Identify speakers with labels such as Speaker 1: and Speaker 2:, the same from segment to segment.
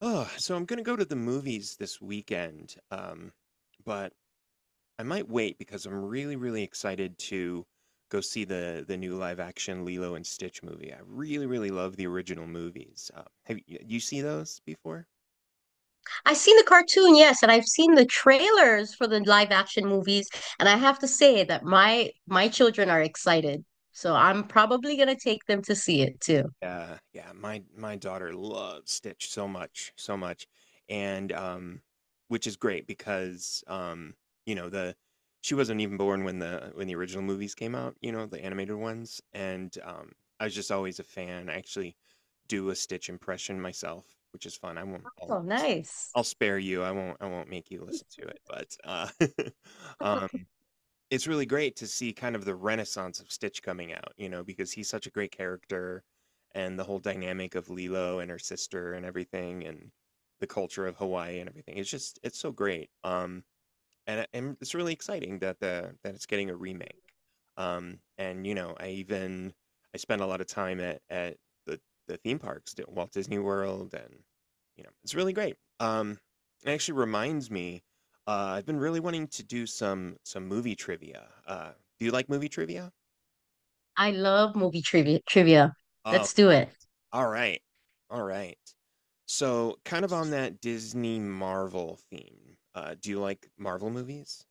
Speaker 1: Oh, so I'm gonna go to the movies this weekend, but I might wait because I'm really, really excited to go see the new live action Lilo and Stitch movie. I really, really love the original movies. Have you see those before?
Speaker 2: I've seen the cartoon, yes, and I've seen the trailers for the live action movies, and I have to say that my children are excited. So I'm probably gonna take them to see it too.
Speaker 1: Yeah, yeah. My daughter loves Stitch so much, so much, and which is great because you know, the she wasn't even born when the original movies came out, you know, the animated ones, and I was just always a fan. I actually do a Stitch impression myself, which is fun. I won't.
Speaker 2: Oh, nice.
Speaker 1: I'll spare you. I won't. I won't make you listen to it. But uh, it's really great to see kind of the renaissance of Stitch coming out, you know, because he's such a great character, and the whole dynamic of Lilo and her sister and everything, and the culture of Hawaii and everything. It's just it's so great. And it's really exciting that the that it's getting a remake. And you know, I spent a lot of time at the the theme parks, the Walt Disney World, and you know, it's really great. It actually reminds me, uh, I've been really wanting to do some movie trivia. Do you like movie trivia?
Speaker 2: I love movie trivia.
Speaker 1: Oh,
Speaker 2: Let's do it.
Speaker 1: all right, all right. So, kind of on that Disney Marvel theme, do you like Marvel movies?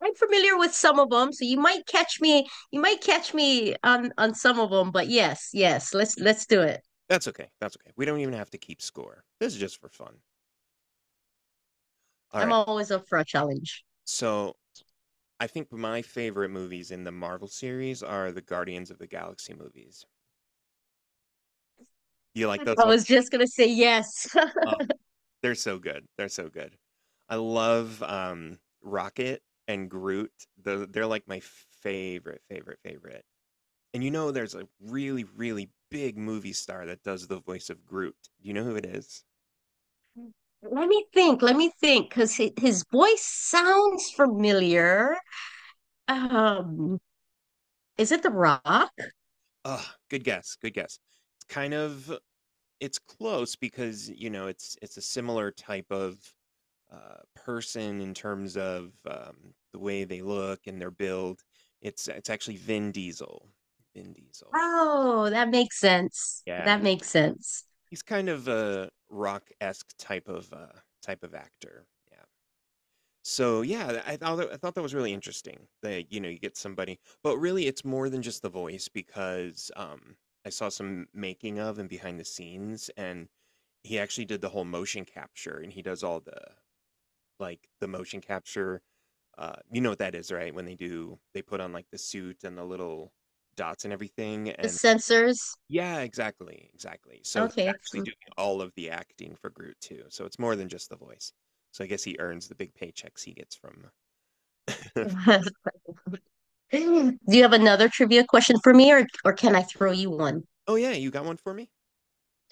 Speaker 2: I'm familiar with some of them, so you might catch me on some of them, but yes, yes, let's do it.
Speaker 1: That's okay, that's okay. We don't even have to keep score. This is just for fun.
Speaker 2: I'm
Speaker 1: Alright,
Speaker 2: always up for a challenge.
Speaker 1: so I think my favorite movies in the Marvel series are the Guardians of the Galaxy movies. You like those
Speaker 2: I
Speaker 1: ones?
Speaker 2: was just gonna say yes.
Speaker 1: Oh, they're so good, they're so good. I love, Rocket and Groot. Tho They're like my favorite, favorite, favorite. And you know there's a really, really big movie star that does the voice of Groot. Do you know who it is?
Speaker 2: Let me think. Let me think, because his voice sounds familiar. Um, is it The Rock?
Speaker 1: Ugh, good guess, good guess. It's kind of It's close because, you know, it's a similar type of person in terms of the way they look and their build. It's actually Vin Diesel. Vin Diesel.
Speaker 2: Oh, that makes sense.
Speaker 1: Yeah,
Speaker 2: That makes sense.
Speaker 1: he's kind of a rock-esque type of type of actor. Yeah. So yeah, I thought that was really interesting. That you know you get somebody, but really it's more than just the voice because I saw some making of and behind the scenes, and he actually did the whole motion capture, and he does all the motion capture. You know what that is, right? When they put on like the suit and the little dots and everything.
Speaker 2: The
Speaker 1: And
Speaker 2: sensors.
Speaker 1: yeah, exactly, exactly. So he's
Speaker 2: Okay.
Speaker 1: actually doing all of the acting for Groot too, so it's more than just the voice, so I guess he earns the big paychecks he gets from
Speaker 2: Do you have another trivia question for me, or can I throw you one?
Speaker 1: Oh yeah, you got one for me?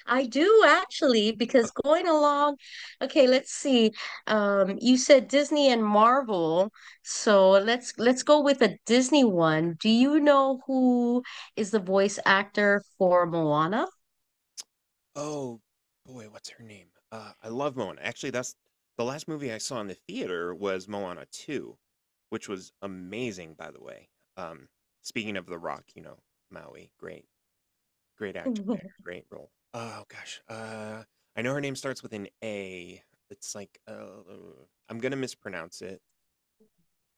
Speaker 2: I do actually, because going along, okay, let's see. You said Disney and Marvel, so let's go with a Disney one. Do you know who is the voice actor for Moana?
Speaker 1: Oh, boy, what's her name? I love Moana. Actually, that's the last movie I saw in the theater was Moana 2, which was amazing, by the way. Um, Speaking of The Rock, you know, Maui, great, great actor there, great role. Oh gosh, I know her name starts with an A. It's like I'm gonna mispronounce it.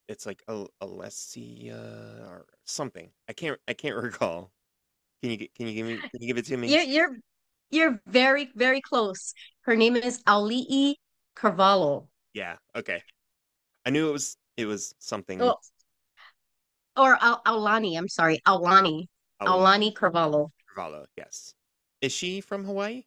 Speaker 1: It's like Alessia or something. I can't recall. Can you give it to me?
Speaker 2: You're you're you're very very close. Her name is Aulii Carvalho,
Speaker 1: Yeah, okay. I knew it was something.
Speaker 2: or, or Al Aulani. I'm sorry, Aulani,
Speaker 1: Paula
Speaker 2: Aulani Carvalho.
Speaker 1: Carvalho, yes. Is she from Hawaii?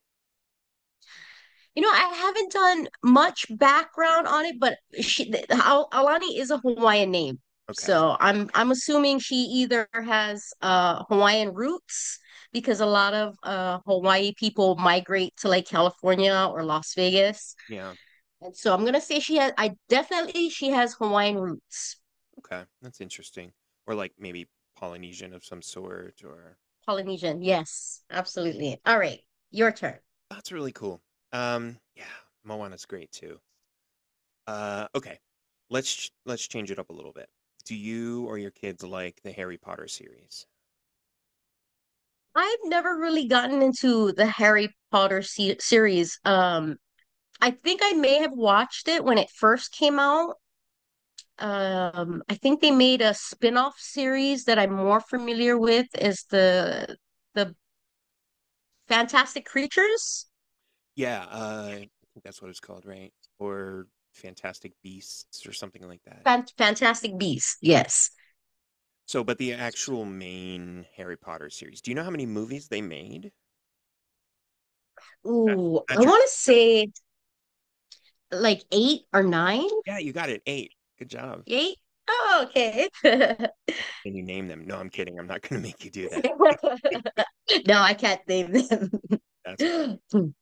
Speaker 2: You know, I haven't done much background on it, but she Al Aulani is a Hawaiian name,
Speaker 1: Okay.
Speaker 2: so I'm assuming she either has Hawaiian roots because a lot of Hawaii people migrate to like California or Las Vegas.
Speaker 1: Yeah,
Speaker 2: And so I'm gonna say she has, I definitely she has Hawaiian roots.
Speaker 1: okay, that's interesting. Or, like, maybe Polynesian of some sort, or
Speaker 2: Polynesian. Yes, absolutely. All right, your turn.
Speaker 1: that's really cool. Yeah, Moana's great too. Okay, let's change it up a little bit. Do you or your kids like the Harry Potter series?
Speaker 2: I've never really gotten into the Harry Potter series. I think I may have watched it when it first came out. I think they made a spin-off series that I'm more familiar with is the Fantastic Creatures,
Speaker 1: Yeah, I think that's what it's called, right? Or Fantastic Beasts or something like that.
Speaker 2: Fantastic Beasts. Yes.
Speaker 1: So, but the actual main Harry Potter series, do you know how many movies they made? That
Speaker 2: Ooh, I
Speaker 1: that
Speaker 2: want to say like eight or nine,
Speaker 1: Yeah, you got it. 8. Good job.
Speaker 2: eight. Oh, okay.
Speaker 1: Can you name them? No, I'm kidding. I'm not gonna make you do that.
Speaker 2: No, I can't name them.
Speaker 1: That's it.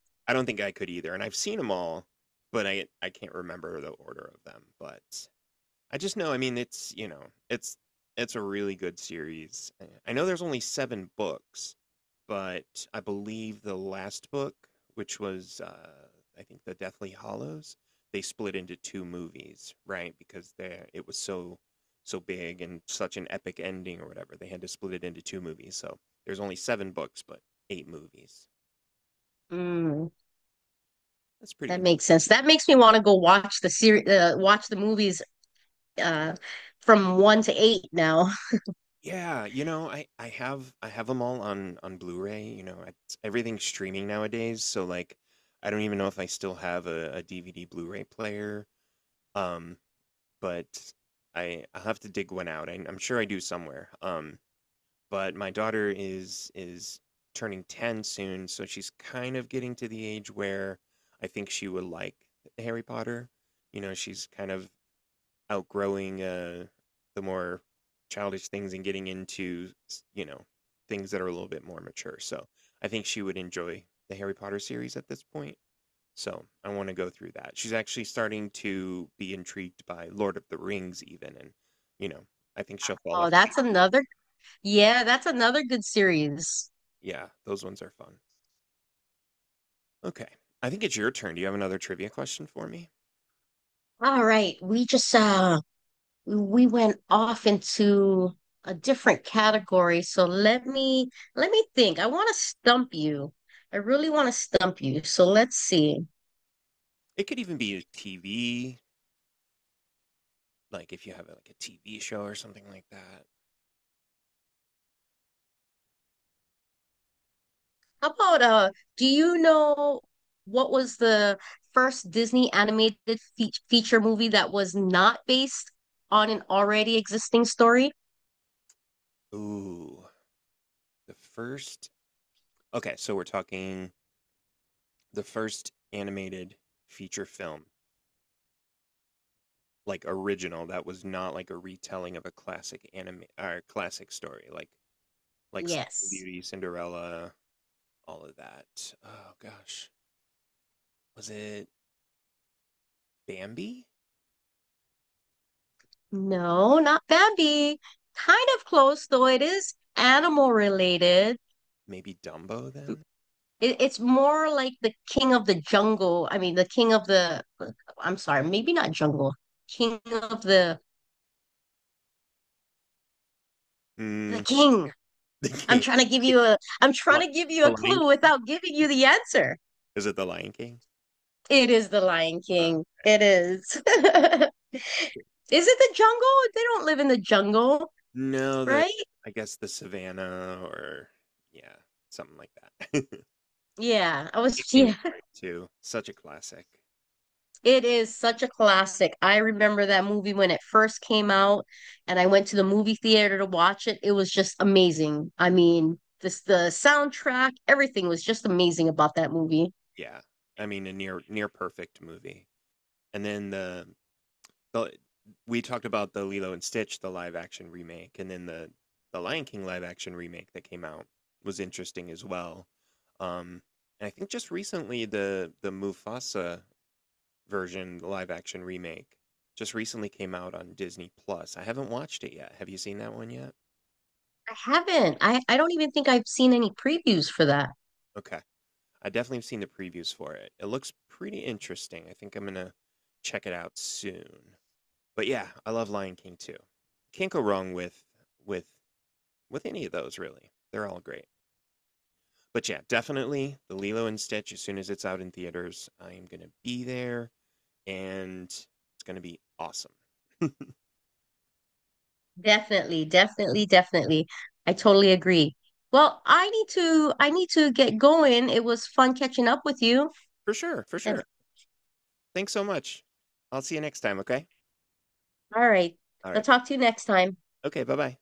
Speaker 1: I don't think I could either, and I've seen them all, but I can't remember the order of them, but I just know, I mean, it's, you know, it's it's a really good series. Eh, I know there's only 7 books, but I believe the last book, which was I think the Deathly Hallows, they split into two movies, right? Because there it was so so big and such an epic ending or whatever. They had to split it into two movies. So there's only seven books, but eight movies.
Speaker 2: Mm,
Speaker 1: That's pretty.
Speaker 2: that makes sense. That makes me want to go watch the series, watch the movies uh, from one to eight now.
Speaker 1: Yeah, you know, I have them all on Blu-ray. You know, it's, everything's streaming nowadays, so like I don't even know if I still have a, DVD Blu-ray player. Um, but I I'll have to dig one out. I, I'm sure I do somewhere. But my daughter is turning 10 soon, so she's kind of getting to the age where I think she would like Harry Potter. You know, she's kind of outgrowing the more childish things and getting into, you know, things that are a little bit more mature. So I think she would enjoy the Harry Potter series at this point. So I want to go through that. She's actually starting to be intrigued by Lord of the Rings, even. And, you know, I think she'll fall
Speaker 2: Oh,
Speaker 1: asleep.
Speaker 2: that's another. Yeah, that's another good series.
Speaker 1: Yeah, those ones are fun. Okay. I think it's your turn. Do you have another trivia question for me?
Speaker 2: All right, we just we went off into a different category. So let me think. I want to stump you. I really want to stump you. So let's see.
Speaker 1: It could even be a TV, like if you have like a TV show or something like that.
Speaker 2: How about do you know what was the first Disney animated fe feature movie that was not based on an already existing story?
Speaker 1: Ooh, the first. Okay, so we're talking the first animated feature film, like original, that was not like a retelling of a classic anime or classic story. Like Sleeping
Speaker 2: Yes.
Speaker 1: Beauty, Cinderella, all of that. Oh gosh, was it Bambi?
Speaker 2: No, not Bambi. Kind of close, though it is animal related.
Speaker 1: Maybe Dumbo then?
Speaker 2: It's more like the King of the Jungle. I mean, the King of the, I'm sorry, maybe not jungle. King of the
Speaker 1: Mm,
Speaker 2: King.
Speaker 1: the
Speaker 2: I'm
Speaker 1: King,
Speaker 2: trying to give you a, I'm trying
Speaker 1: Li-
Speaker 2: to give you
Speaker 1: the
Speaker 2: a
Speaker 1: Lion
Speaker 2: clue
Speaker 1: King.
Speaker 2: without giving you the answer.
Speaker 1: Is it the Lion King?
Speaker 2: It is the Lion
Speaker 1: Uh,
Speaker 2: King. It is. Is it the jungle? They don't live in the jungle,
Speaker 1: no, the
Speaker 2: right?
Speaker 1: I guess the Savannah or yeah, something like that.
Speaker 2: Yeah, I was,
Speaker 1: King is
Speaker 2: yeah.
Speaker 1: great too. Such a classic.
Speaker 2: It is such a classic. I remember that movie when it first came out, and I went to the movie theater to watch it. It was just amazing. I mean, this the soundtrack, everything was just amazing about that movie.
Speaker 1: Yeah, I mean a near perfect movie. And then the we talked about the Lilo and Stitch, the live action remake, and then the Lion King live action remake that came out was interesting as well. Um, and I think just recently the Mufasa version, the live action remake, just recently came out on Disney Plus. I haven't watched it yet. Have you seen that one yet?
Speaker 2: I haven't. I don't even think I've seen any previews for that.
Speaker 1: Okay, I definitely have seen the previews for it. It looks pretty interesting. I think I'm gonna check it out soon. But yeah, I love Lion King too. Can't go wrong with with with any of those really. They're all great. But yeah, definitely the Lilo and Stitch. As soon as it's out in theaters, I am gonna be there, and it's gonna be awesome.
Speaker 2: Definitely, definitely, definitely. I totally agree. Well, I need to get going. It was fun catching up with you.
Speaker 1: For sure, for
Speaker 2: And
Speaker 1: sure. Thanks so much. I'll see you next time. Okay.
Speaker 2: all right.
Speaker 1: All
Speaker 2: I'll
Speaker 1: right.
Speaker 2: talk to you next time.
Speaker 1: Okay. Bye bye.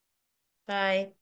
Speaker 2: Bye.